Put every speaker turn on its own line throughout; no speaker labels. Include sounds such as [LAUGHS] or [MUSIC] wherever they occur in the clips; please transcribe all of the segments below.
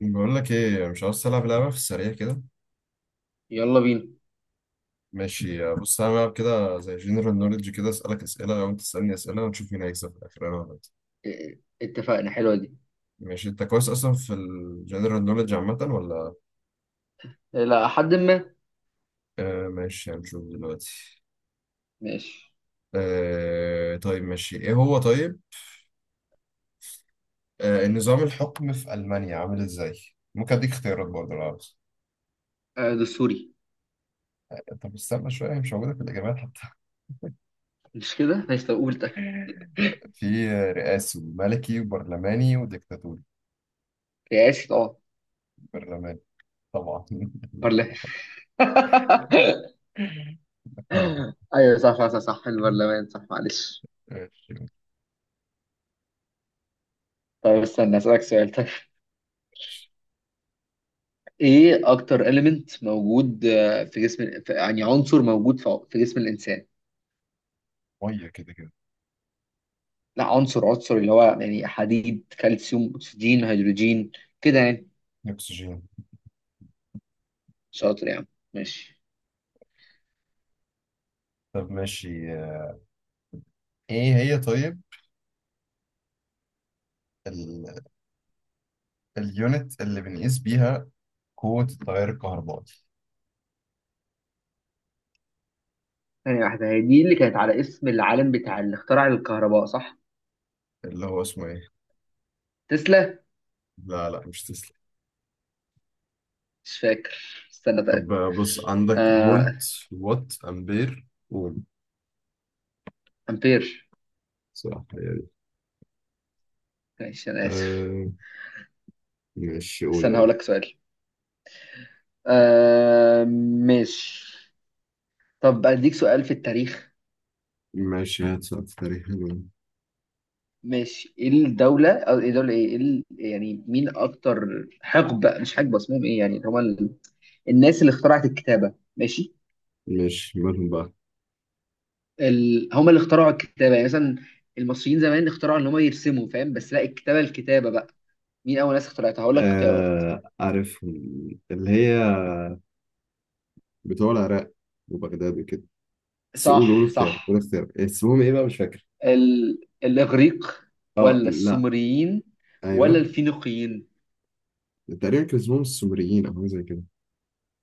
بقول لك ايه؟ مش عاوز تلعب لعبه في السريع كده؟
يلا بينا.
ماشي بص، هنلعب كده زي جنرال نوليدج، كده اسالك اسئله وانت تسالني اسئله ونشوف مين هيكسب في الاخر، انا ولا انت.
إيه، اتفقنا. حلوة دي.
ماشي، انت كويس اصلا في الجنرال نوليدج عامه ولا؟
إيه، لا حد ما.
آه ماشي، هنشوف دلوقتي.
ماشي.
آه طيب ماشي، ايه هو طيب؟ نظام الحكم في المانيا عامل ازاي؟ ممكن اديك اختيارات برضه لو عاوز.
دستوري.
طب استنى شويه، هي مش موجوده في الاجابات حتى.
مش كده، ماشي. طب قول ده.
[LAUGHS] في رئاسي وملكي وبرلماني وديكتاتوري.
رئاسي طبعا.
برلماني طبعا.
برلمان. [LAUGHS]
[LAUGHS] طبعا.
ايوه، صح صح صح صح البرلمان. صح، معلش.
ماشي.
طيب استنى، اسألك سؤال. طيب ايه اكتر إليمنت موجود في جسم، يعني عنصر موجود في جسم الانسان.
ميه كده كده.
لا، عنصر عنصر اللي هو يعني حديد، كالسيوم، اكسجين، هيدروجين، كده يعني.
اكسجين.
شاطر يعني. ماشي.
طب ماشي، ايه هي طيب ال... اليونت اللي بنقيس بيها قوة التيار الكهربائي؟
ثانية واحدة، هي دي اللي كانت على اسم العالم بتاع اللي اخترع الكهرباء، صح؟
اللي هو اسمه ايه؟
تسلا.
لا لا، مش تسلا.
مش فاكر. استنى
طب
طيب.
بص عندك
آه...
فولت، وات، امبير، قول.
امبير.
صح، هي دي.
ماشي، انا اسف.
آه ماشي، قول
استنى هقول
يلا.
لك سؤال. آه... ماشي. طب اديك سؤال في التاريخ.
ماشي، هات سؤال في تاريخ حلو.
ماشي، ايه الدولة، او ايه دولة ايه، إيه يعني، مين اكتر حقبة، مش حقبة، اسمهم ايه يعني، اللي هما الناس اللي اخترعت الكتابة، ماشي.
مش مالهم بقى.
هما اللي اخترعوا الكتابة، يعني مثلا المصريين زمان اخترعوا ان هما يرسموا، فاهم؟ بس لا، الكتابة الكتابة بقى. مين اول ناس اخترعتها؟ هقول لك اختيارات.
آه عارفهم، اللي هي بتوع العراق وبغداد وكده. بس قول
صح
اختيار، قول
صح.
اختيار. اسمهم ايه بقى؟ مش فاكر.
الإغريق،
اه
ولا
لا.
السومريين، ولا
ايوه،
الفينيقيين؟
تقريبا كان اسمهم السومريين او حاجه زي كده.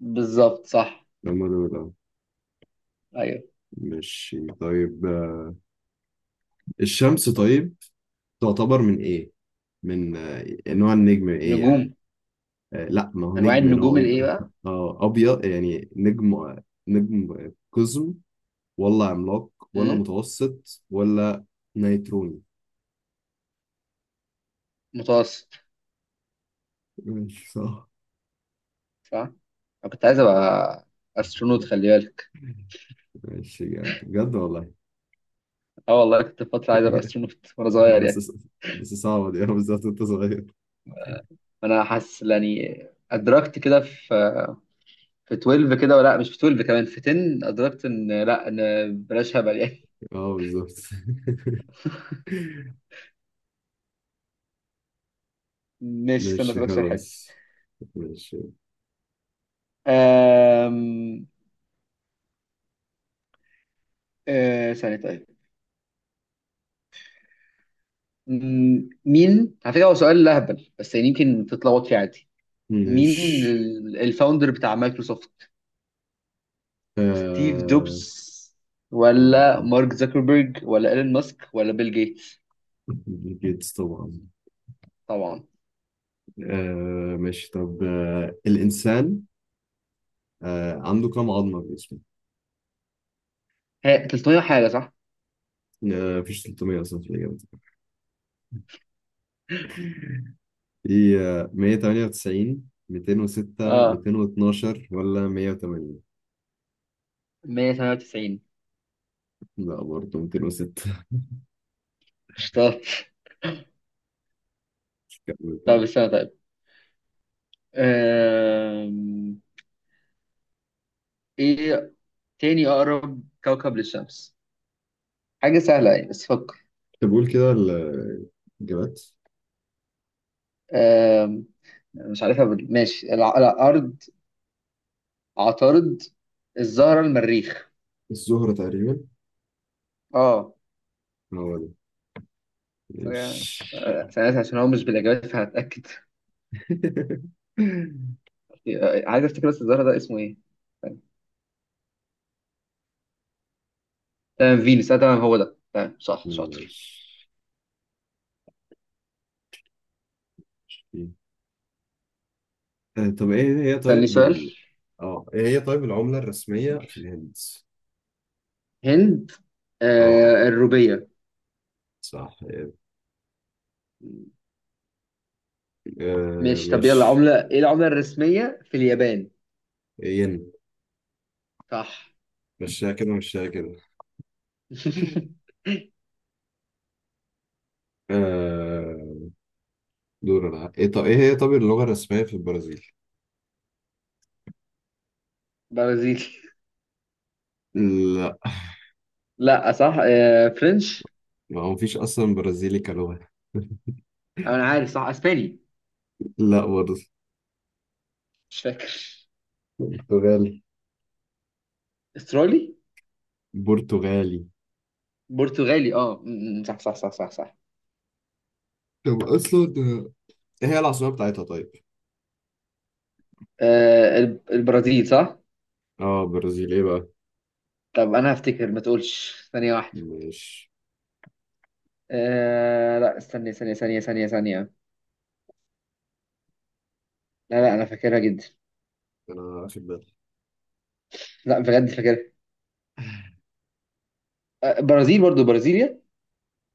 بالظبط صح.
هم دول اه.
أيوه.
ماشي طيب. الشمس طيب تعتبر من ايه؟ من نوع النجم ايه يعني؟
نجوم.
آه لا، ما هو
أنواع
نجم
النجوم
نوع ايه
الإيه
بقى؟
بقى؟
[LAUGHS] اه، ابيض يعني نجم قزم، ولا عملاق، ولا
مم؟
متوسط، ولا نيتروني؟
متوسط.
ماشي صح.
صح. أنا كنت عايز أبقى أسترونوت، خلي بالك.
ماشي جامد، بجد والله.
أه والله، كنت فترة عايز أبقى
[LAUGHS]
أسترونوت وأنا صغير يعني.
بس بس صعبة دي. [LAUGHS] أنا بالذات، أنت صغير.
أنا حاسس يعني. أدركت كده في 12 كده، ولا مش في 12، كمان في 10 أدركت إن، لا إن بلاش هبل يعني.
اه بالظبط. [LAUGHS]
[LAUGHS] ماشي، استنى
ماشي
أسألك سؤال حلو.
خلاص. ماشي.
أم... أه ثانية طيب. مين على فكرة، هو سؤال لهبل بس يعني، يمكن تتلخبط فيه عادي. مين
مش.
الفاوندر بتاع مايكروسوفت؟ ستيف
آه
جوبز،
ماشي.
ولا مارك زكربرج، ولا ايلون ماسك، ولا بيل جيتس؟
بيل جيتس طبعا.
طبعا.
ماشي طب، الإنسان عنده كم عظمة في جسمه؟
هي 300 حاجة صح.
آه مفيش 300 أصلا في الإجابة دي. في 198، 206،
اه
212، ولا 180.
198.
لا برضه 206.
اشتغلت.
[LAUGHS] كمل
طب
طيب.
استنى طيب. أم... ايه تاني اقرب كوكب للشمس؟ حاجة سهلة يعني، بس فكر.
طب قول كده الإجابات.
أم... مش عارفها ماشي. الارض، عطارد، الزهرة، المريخ.
الزهرة تقريبا.
اه.
هو ده.
ف-
ماشي.
سألت عشان هو مش بالإجابات، فهتأكد. [LAUGHS]
[LAUGHS]
عايز أفتكر بس، الزهرة ده اسمه إيه؟ طيب. تمام، فينوس تمام، هو ده، تمام صح شاطر.
ماشي، طب ايه هي
سألني
طيب
سؤال.
اه، ايه هي طيب العملة الرسمية في الهند؟
هند.
اه.
آه الروبية.
صح.
ماشي، طب يلا،
مش.
عملة إيه العملة الرسمية في اليابان؟
ين.
صح.
مشيها كده مشيها كده.
[LAUGHS]
آه، دور انا ايه طب، ايه هي طب اللغة الرسمية في البرازيل؟
برازيلي.
لا،
لا صح، آه فرنش.
ما هو مفيش اصلا برازيلي كلغة.
أنا عارف، صح، أسباني.
لا برضه.
مش فاكر.
برتغالي.
استرالي.
برتغالي.
برتغالي، اه، صح صح صح صح صح.
طب اصلا، ايه هي العاصمة بتاعتها طيب؟
آه البرازيل صح.
اه برازيل ايه بقى؟
طب انا هفتكر، ما تقولش، ثانية واحدة.
مش.
آه لا، استني، ثانية ثانية ثانية ثانية. لا لا، انا فاكرها جدا.
انا واخد بالي.
لا بجد فاكرها. آه برازيل، برضو برازيليا.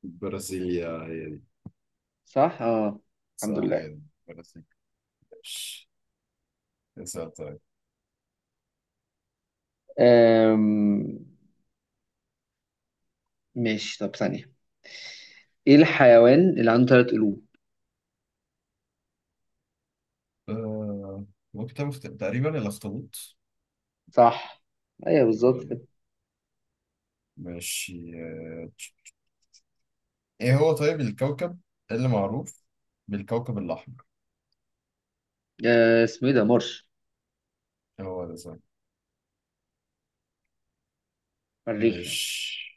البرازيلية هي دي.
صح اه. الحمد
صح، هي
لله.
دي. برازيل. ماشي، اسأل طيب.
آم... ماشي، طب ثانية. ايه الحيوان اللي عنده ثلاث قلوب؟
آه ممكن تعمل تقريبا الأخطبوط.
صح. ايوه
هو
بالظبط
ده.
كده.
ماشي، ايه هو طيب الكوكب اللي معروف بالكوكب الأحمر؟
آه اسمه ايه ده؟ مرش،
إيه، هو ده صح.
مريخ يعني.
ماشي،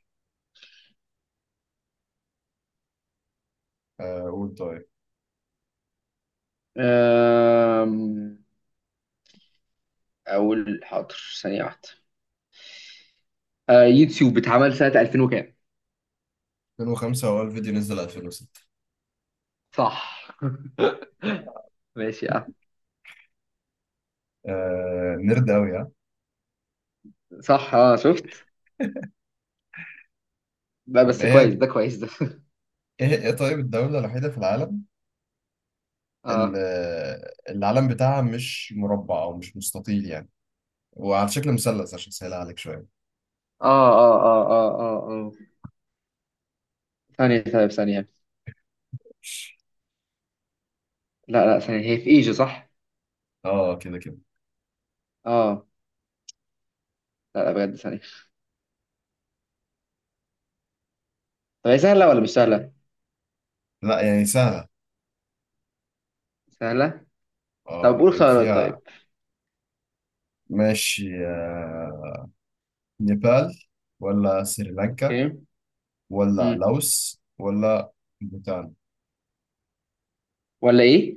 قول طيب.
آم... اول حاضر، ثانية واحدة. آه يوتيوب اتعمل سنة 2000 وكام؟
2005، هو الفيديو نزل 2006.
صح ماشي، اه.
آه نرد أوي ها.
صح اه، شفت. لا
طب
بس كويس ده، كويس ده. [LAUGHS]
ايه طيب الدولة الوحيدة في العالم، اللي
اه
العلم بتاعها مش مربع أو مش مستطيل يعني، وعلى شكل مثلث، عشان أسهلها عليك شوية.
اه اه اه اه اه اه. ثانية طيب ثانية. لا لا ثانية، هي في ايجو صح؟
اه كده كده.
اه. لا لا بجد، ثانية. طب هي سهلة ولا مش سهلة؟
لا، يعني سهلة.
سهلة؟ طب
اه،
قول
يعني
خيارات
فيها.
طيب.
ماشي، نيبال، ولا سريلانكا،
اوكي.
ولا
امم.
لاوس، ولا بوتان.
ولا ايه؟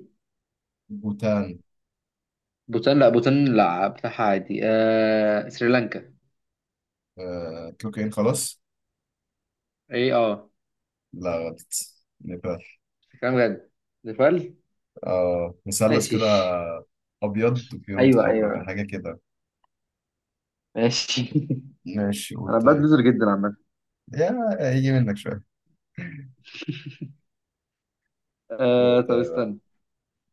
بوتان.
بوتان، لا بوتان، لا بتاعها عادي. آه سريلانكا.
تلوكين خلاص.
ايه، اه.
لا غلط. نيبال.
كلام بجد. نيبال.
اه، مثلث كده،
ماشي.
أبيض وفيه نقطة
ايوه
حمراء بقى،
ايوه.
حاجة كده.
ماشي.
ماشي،
[LAUGHS]
قول
انا
طيب
بدلزر جدا عامة.
يا. هيجي منك شوية.
آه
قول
طب
طيب يا.
استنى.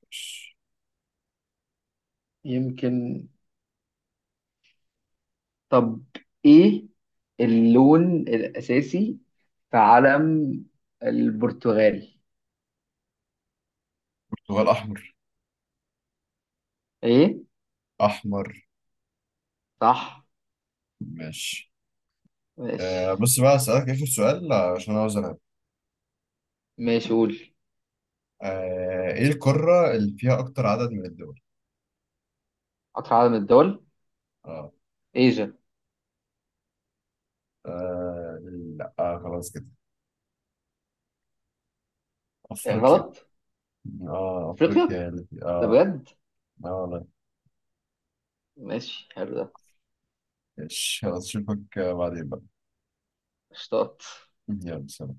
ماشي.
يمكن. طب ايه اللون الاساسي في علم البرتغال؟
برتغال أحمر.
ايه.
أحمر.
صح.
ماشي.
ماشي.
بص بقى أسألك آخر سؤال عشان أوزن.
ماشي قول.
ايه القارة اللي فيها اكتر عدد من الدول؟
اكتر عدد من الدول.
اه.
ايجا.
آه لا، خلاص كده.
إيه
افريقيا.
غلط.
اه، افريقيا
افريقيا.
هي
ده
اه.
بجد؟
اه والله.
ماشي، حلو ده.
إيش، خلاص اشوفك بعدين بقى.
اشتاط.
يلا سلام.